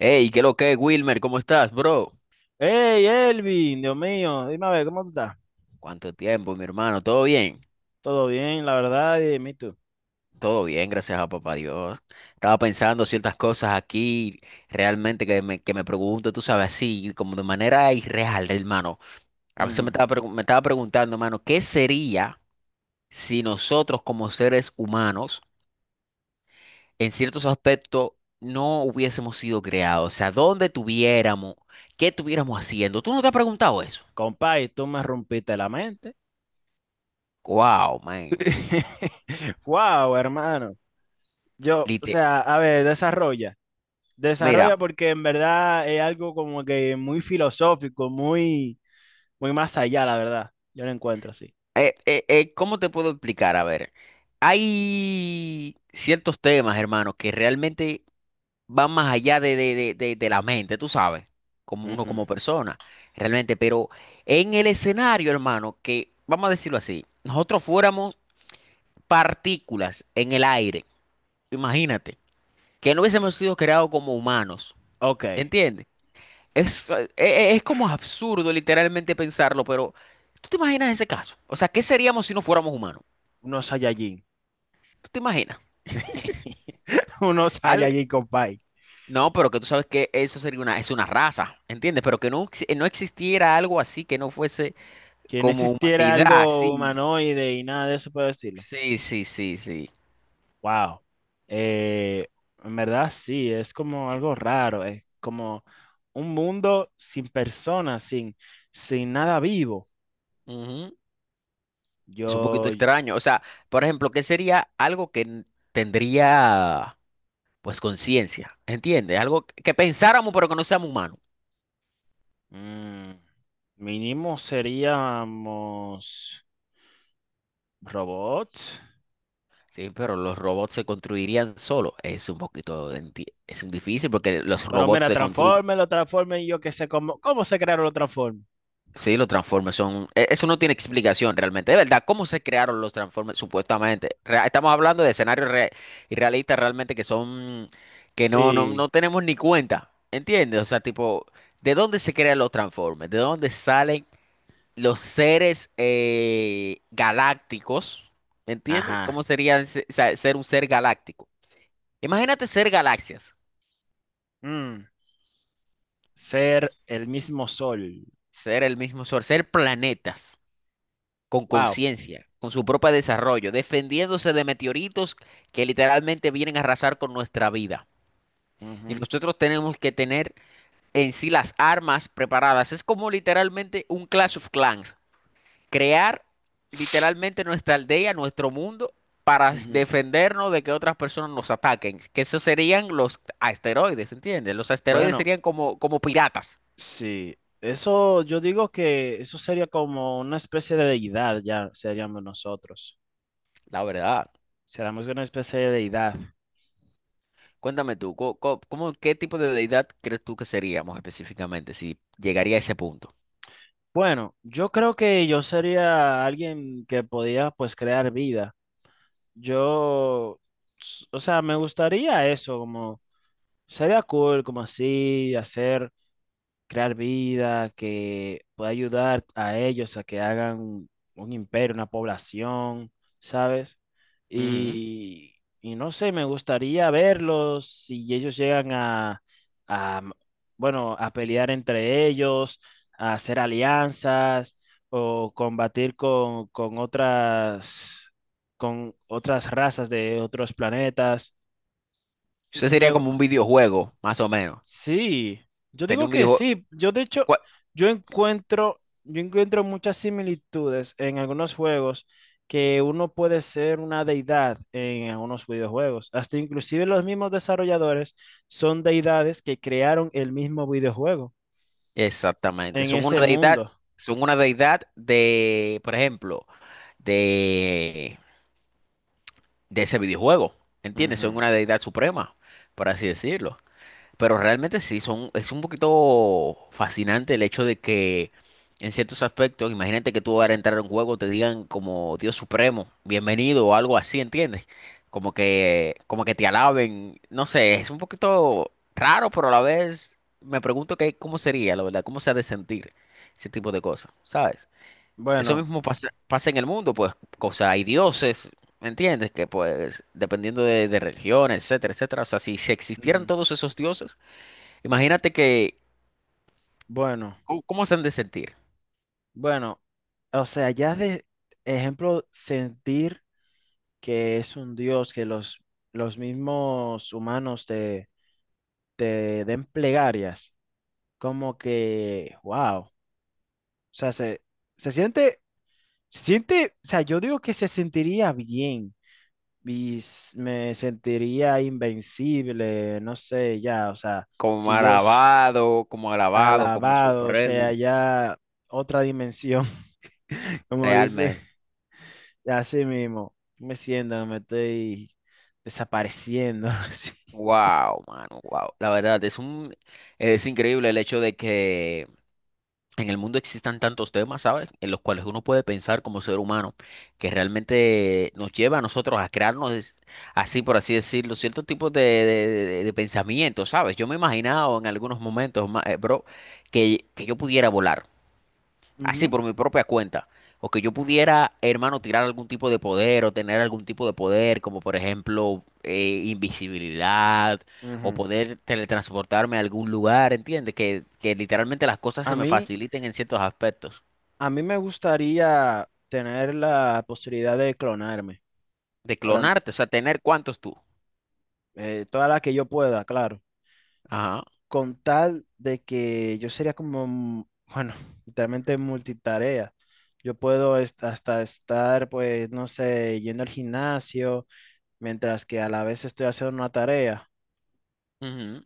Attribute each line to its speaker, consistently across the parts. Speaker 1: Hey, ¿qué lo que, Wilmer? ¿Cómo estás, bro?
Speaker 2: Hey, Elvin, Dios mío, dime a ver, ¿cómo tú estás?
Speaker 1: ¿Cuánto tiempo, mi hermano? ¿Todo bien?
Speaker 2: Todo bien, la verdad, y dime tú.
Speaker 1: Todo bien, gracias a papá Dios. Estaba pensando ciertas cosas aquí, realmente que me pregunto, tú sabes, así, como de manera irreal, hermano. A veces
Speaker 2: Ujú.
Speaker 1: me estaba preguntando, hermano, ¿qué sería si nosotros como seres humanos, en ciertos aspectos, no hubiésemos sido creados? O sea, ¿dónde estuviéramos? ¿Qué estuviéramos haciendo? ¿Tú no te has preguntado eso?
Speaker 2: Compay, tú me rompiste la mente.
Speaker 1: Wow, man.
Speaker 2: Wow, hermano. Yo, o
Speaker 1: Lite-
Speaker 2: sea, a ver, desarrolla.
Speaker 1: Mira.
Speaker 2: Desarrolla porque en verdad es algo como que muy filosófico, muy, muy más allá, la verdad. Yo lo encuentro así.
Speaker 1: ¿Cómo te puedo explicar? A ver, hay ciertos temas, hermano, que realmente van más allá de la mente, tú sabes, como uno
Speaker 2: Ujú.
Speaker 1: como persona, realmente, pero en el escenario, hermano, que, vamos a decirlo así, nosotros fuéramos partículas en el aire, imagínate, que no hubiésemos sido creados como humanos,
Speaker 2: Ok,
Speaker 1: ¿entiendes? Es como absurdo literalmente pensarlo, pero ¿tú te imaginas ese caso? O sea, ¿qué seríamos si no fuéramos humanos?
Speaker 2: unos Saiyajin.
Speaker 1: ¿Tú te imaginas?
Speaker 2: Unos
Speaker 1: Al-
Speaker 2: Saiyajin, compay.
Speaker 1: No, pero que tú sabes que eso sería una, es una raza, ¿entiendes? Pero que no, no existiera algo así que no fuese
Speaker 2: Que no
Speaker 1: como
Speaker 2: existiera
Speaker 1: humanidad,
Speaker 2: algo
Speaker 1: sí,
Speaker 2: humanoide y nada de eso por decirlo.
Speaker 1: sí, sí, sí, sí.
Speaker 2: Wow. Eh, en verdad sí, es como
Speaker 1: Sí.
Speaker 2: algo raro, es como un mundo sin personas, sin, sin nada vivo.
Speaker 1: Ujú. Es un poquito
Speaker 2: Yo,
Speaker 1: extraño. O sea, por ejemplo, ¿qué sería algo que tendría, pues, conciencia? ¿Entiendes? Algo que pensáramos, pero que no seamos humanos.
Speaker 2: mm, Mínimo seríamos robots.
Speaker 1: Sí, pero los robots se construirían solos. Es un poquito, es un difícil porque los
Speaker 2: Pero
Speaker 1: robots
Speaker 2: mira,
Speaker 1: se construyen.
Speaker 2: transforme, lo transforme y yo qué sé cómo, cómo se crearon los transformes.
Speaker 1: Sí, los Transformers son, eso no tiene explicación realmente. De verdad, ¿cómo se crearon los Transformers supuestamente? Estamos hablando de escenarios irrealistas realmente que son, que
Speaker 2: Sí,
Speaker 1: no tenemos ni cuenta, ¿entiendes? O sea, tipo, ¿de dónde se crean los Transformers? ¿De dónde salen los seres galácticos? ¿Entiendes?
Speaker 2: ajá.
Speaker 1: ¿Cómo sería ser un ser galáctico? Imagínate ser galaxias,
Speaker 2: Mm, ser el mismo sol.
Speaker 1: ser el mismo sol, ser planetas, con
Speaker 2: Wow.
Speaker 1: conciencia, con su propio desarrollo, defendiéndose de meteoritos que literalmente vienen a arrasar con nuestra vida. Y
Speaker 2: Ujú,
Speaker 1: nosotros tenemos que tener en sí las armas preparadas. Es como literalmente un Clash of Clans. Crear literalmente nuestra aldea, nuestro mundo, para
Speaker 2: ujú.
Speaker 1: defendernos de que otras personas nos ataquen. Que esos serían los asteroides, ¿entiendes? Los asteroides
Speaker 2: Bueno,
Speaker 1: serían como, como piratas,
Speaker 2: sí, eso yo digo que eso sería como una especie de deidad, ya seríamos nosotros.
Speaker 1: la verdad.
Speaker 2: Seríamos una especie de deidad.
Speaker 1: Cuéntame tú, ¿cómo, qué tipo de deidad crees tú que seríamos específicamente si llegaría a ese punto?
Speaker 2: Bueno, yo creo que yo sería alguien que podía pues crear vida. Yo, o sea, me gustaría eso, como sería cool, como así, hacer. Crear vida, que pueda ayudar a ellos a que hagan un imperio, una población, ¿sabes?
Speaker 1: Ujú.
Speaker 2: Y, y no sé, me gustaría verlos si ellos llegan a, bueno, a pelear entre ellos, a hacer alianzas o combatir con otras razas de otros planetas.
Speaker 1: Eso sería
Speaker 2: Me,
Speaker 1: como un videojuego, más o menos.
Speaker 2: Sí, yo
Speaker 1: Sería
Speaker 2: digo
Speaker 1: un
Speaker 2: que
Speaker 1: videojuego.
Speaker 2: sí. Yo de hecho,
Speaker 1: ¿Cuál?
Speaker 2: yo encuentro muchas similitudes en algunos juegos que uno puede ser una deidad en algunos videojuegos. Hasta inclusive los mismos desarrolladores son deidades que crearon el mismo videojuego
Speaker 1: Exactamente.
Speaker 2: en ese mundo.
Speaker 1: Son una deidad de, por ejemplo, de, de ese videojuego. ¿Entiendes?
Speaker 2: Ujú.
Speaker 1: Son una deidad suprema, por así decirlo. Pero realmente sí, son, es un poquito fascinante el hecho de que en ciertos aspectos, imagínate que tú vas a entrar a un juego, te digan como Dios supremo, bienvenido o algo así, ¿entiendes? Como que te alaben, no sé, es un poquito raro, pero a la vez me pregunto que, cómo sería, la verdad, cómo se ha de sentir ese tipo de cosas, ¿sabes? Eso
Speaker 2: Bueno,
Speaker 1: mismo pasa en el mundo, pues, o sea, hay dioses, ¿me ¿entiendes? Que pues, dependiendo de religión, etcétera, etcétera, o sea, si existieran
Speaker 2: ujú.
Speaker 1: todos esos dioses, imagínate que,
Speaker 2: Bueno,
Speaker 1: ¿cómo se han de sentir?
Speaker 2: bueno, o sea, ya de ejemplo, sentir que es un dios, que los mismos humanos te den plegarias, como que, wow, o sea, se, se siente, se siente, o sea, yo digo que se sentiría bien y s- me sentiría invencible, no sé, ya, o sea,
Speaker 1: Como
Speaker 2: si yo s-
Speaker 1: alabado, como alabado, como
Speaker 2: alabado, o
Speaker 1: supremo,
Speaker 2: sea, ya otra dimensión, como dice,
Speaker 1: realmente.
Speaker 2: así mismo, me siento, me estoy desapareciendo, así.
Speaker 1: Wow, mano, wow. La verdad, es un, es increíble el hecho de que en el mundo existan tantos temas, ¿sabes? En los cuales uno puede pensar como ser humano, que realmente nos lleva a nosotros a crearnos, así por así decirlo, ciertos tipos de, de pensamientos, ¿sabes? Yo me he imaginado en algunos momentos, bro, que yo pudiera volar. Así por mi propia cuenta. O que yo pudiera, hermano, tirar algún tipo de poder o tener algún tipo de poder, como por ejemplo invisibilidad
Speaker 2: Ujú, ujú.
Speaker 1: o poder teletransportarme a algún lugar, ¿entiendes? Que literalmente las cosas se
Speaker 2: A
Speaker 1: me
Speaker 2: mí,
Speaker 1: faciliten en ciertos aspectos.
Speaker 2: A mí me gustaría tener la posibilidad de clonarme,
Speaker 1: De
Speaker 2: para
Speaker 1: clonarte, o sea, tener cuántos tú.
Speaker 2: toda la que yo pueda, claro,
Speaker 1: Ajá.
Speaker 2: con tal de que yo sería como, bueno, literalmente multitarea. Yo puedo est- hasta estar, pues, no sé, yendo al gimnasio, mientras que a la vez estoy haciendo una tarea.
Speaker 1: Ujú.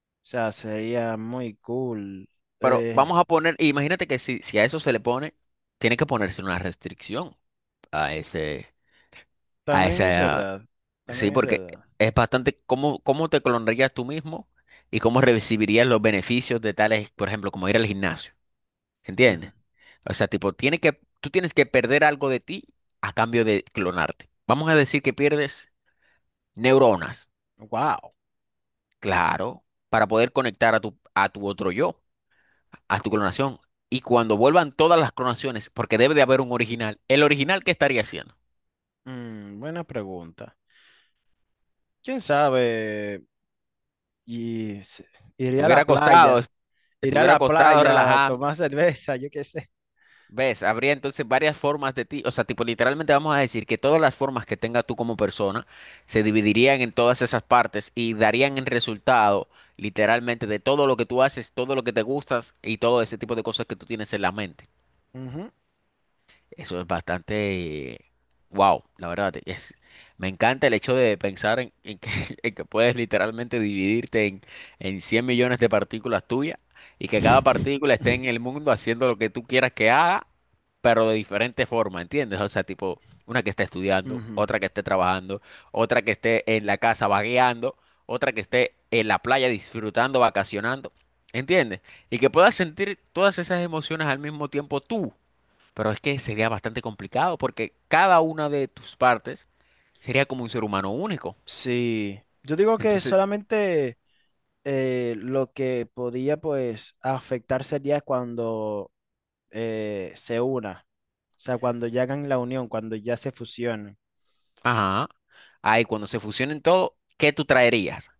Speaker 2: O sea, sería muy cool.
Speaker 1: Pero
Speaker 2: Eh,
Speaker 1: vamos a poner, imagínate que si a eso se le pone, tiene que ponerse una restricción a ese, a
Speaker 2: También es
Speaker 1: ese.
Speaker 2: verdad,
Speaker 1: Sí,
Speaker 2: también es
Speaker 1: porque
Speaker 2: verdad.
Speaker 1: es bastante cómo, cómo te clonarías tú mismo y cómo recibirías los beneficios de tales, por ejemplo, como ir al gimnasio, ¿entiendes? O sea, tipo, tiene que, tú tienes que perder algo de ti a cambio de clonarte. Vamos a decir que pierdes neuronas,
Speaker 2: Wow,
Speaker 1: claro, para poder conectar a tu otro yo, a tu clonación. Y cuando vuelvan todas las clonaciones, porque debe de haber un original, ¿el original qué estaría haciendo?
Speaker 2: buena pregunta. ¿Quién sabe? Y se- iré a
Speaker 1: Estuviera
Speaker 2: la
Speaker 1: acostado,
Speaker 2: playa, iré a
Speaker 1: estuviera
Speaker 2: la
Speaker 1: acostado,
Speaker 2: playa,
Speaker 1: relajado.
Speaker 2: tomar cerveza, yo qué sé.
Speaker 1: ¿Ves? Habría entonces varias formas de ti, o sea, tipo literalmente vamos a decir que todas las formas que tenga tú como persona se dividirían en todas esas partes y darían el resultado literalmente de todo lo que tú haces, todo lo que te gustas y todo ese tipo de cosas que tú tienes en la mente.
Speaker 2: Ujú.
Speaker 1: Eso es bastante, wow, la verdad, es, me encanta el hecho de pensar en que, en que puedes literalmente dividirte en 100 millones de partículas tuyas y que cada partícula esté en el mundo haciendo lo que tú quieras que haga, pero de diferente forma, ¿entiendes? O sea, tipo, una que esté estudiando,
Speaker 2: Ujú.
Speaker 1: otra que esté trabajando, otra que esté en la casa vagueando, otra que esté en la playa disfrutando, vacacionando, ¿entiendes? Y que puedas sentir todas esas emociones al mismo tiempo tú, pero es que sería bastante complicado porque cada una de tus partes sería como un ser humano único.
Speaker 2: Sí, yo digo que
Speaker 1: Entonces,
Speaker 2: solamente lo que podía pues afectar sería cuando se una, o sea, cuando ya hagan la unión, cuando ya se fusionen.
Speaker 1: ajá, ahí cuando se fusionen todo, ¿qué tú traerías?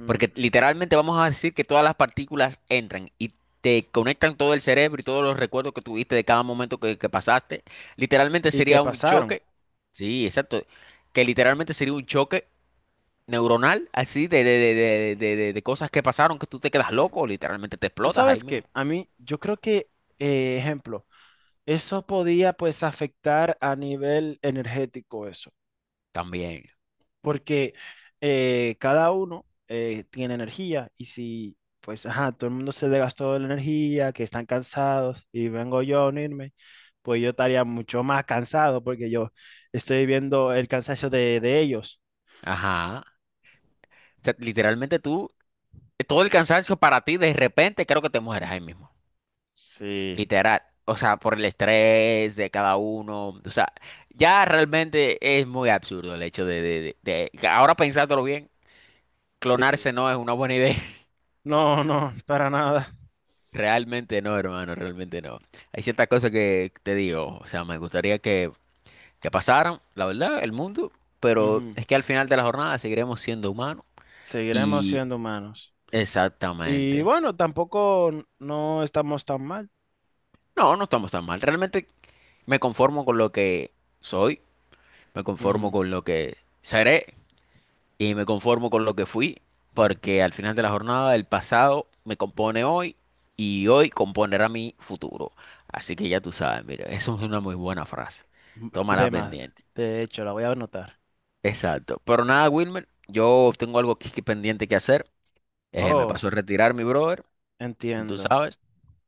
Speaker 2: Mm.
Speaker 1: Porque literalmente vamos a decir que todas las partículas entran y te conectan todo el cerebro y todos los recuerdos que tuviste de cada momento que pasaste. Literalmente
Speaker 2: ¿Y qué
Speaker 1: sería un
Speaker 2: pasaron?
Speaker 1: choque, sí, exacto, que literalmente sería un choque neuronal así de cosas que pasaron que tú te quedas loco, literalmente te
Speaker 2: Tú
Speaker 1: explotas ahí
Speaker 2: sabes
Speaker 1: mismo.
Speaker 2: que a mí, yo creo que, ejemplo, eso podía pues afectar a nivel energético eso.
Speaker 1: También.
Speaker 2: Porque cada uno tiene energía y si, pues, ajá, todo el mundo se desgastó de la energía, que están cansados y vengo yo a unirme, pues yo estaría mucho más cansado porque yo estoy viendo el cansancio de ellos.
Speaker 1: Ajá. Sea, literalmente tú, todo el cansancio para ti, de repente creo que te mueres ahí mismo.
Speaker 2: Sí,
Speaker 1: Literal. O sea, por el estrés de cada uno. O sea, ya realmente es muy absurdo el hecho ahora pensándolo bien, clonarse
Speaker 2: sí.
Speaker 1: no es una buena idea.
Speaker 2: No, no, para nada.
Speaker 1: Realmente no, hermano, realmente no. Hay ciertas cosas que te digo, o sea, me gustaría que pasaran, la verdad, el mundo, pero
Speaker 2: Ujú.
Speaker 1: es que al final de la jornada seguiremos siendo humanos.
Speaker 2: Seguiremos
Speaker 1: Y
Speaker 2: siendo humanos. Y
Speaker 1: exactamente.
Speaker 2: bueno, tampoco n- no estamos tan mal.
Speaker 1: No, no estamos tan mal. Realmente me conformo con lo que soy, me conformo
Speaker 2: Ujú.
Speaker 1: con lo que seré y me conformo con lo que fui, porque al final de la jornada el pasado me compone hoy y hoy componerá mi futuro. Así que ya tú sabes, mira, eso es una muy buena frase. Tómala
Speaker 2: De más,
Speaker 1: pendiente.
Speaker 2: de hecho, la voy a anotar.
Speaker 1: Exacto. Pero nada, Wilmer, yo tengo algo aquí que pendiente que hacer. Me
Speaker 2: Oh,
Speaker 1: paso a retirar, mi brother. Y tú
Speaker 2: entiendo.
Speaker 1: sabes,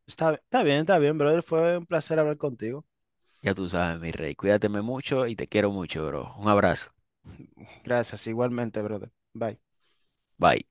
Speaker 2: Está, está bien, brother. Fue un placer hablar contigo.
Speaker 1: ya tú sabes, mi rey. Cuídateme mucho y te quiero mucho, bro. Un abrazo.
Speaker 2: Gracias, igualmente, brother. Bye.
Speaker 1: Bye.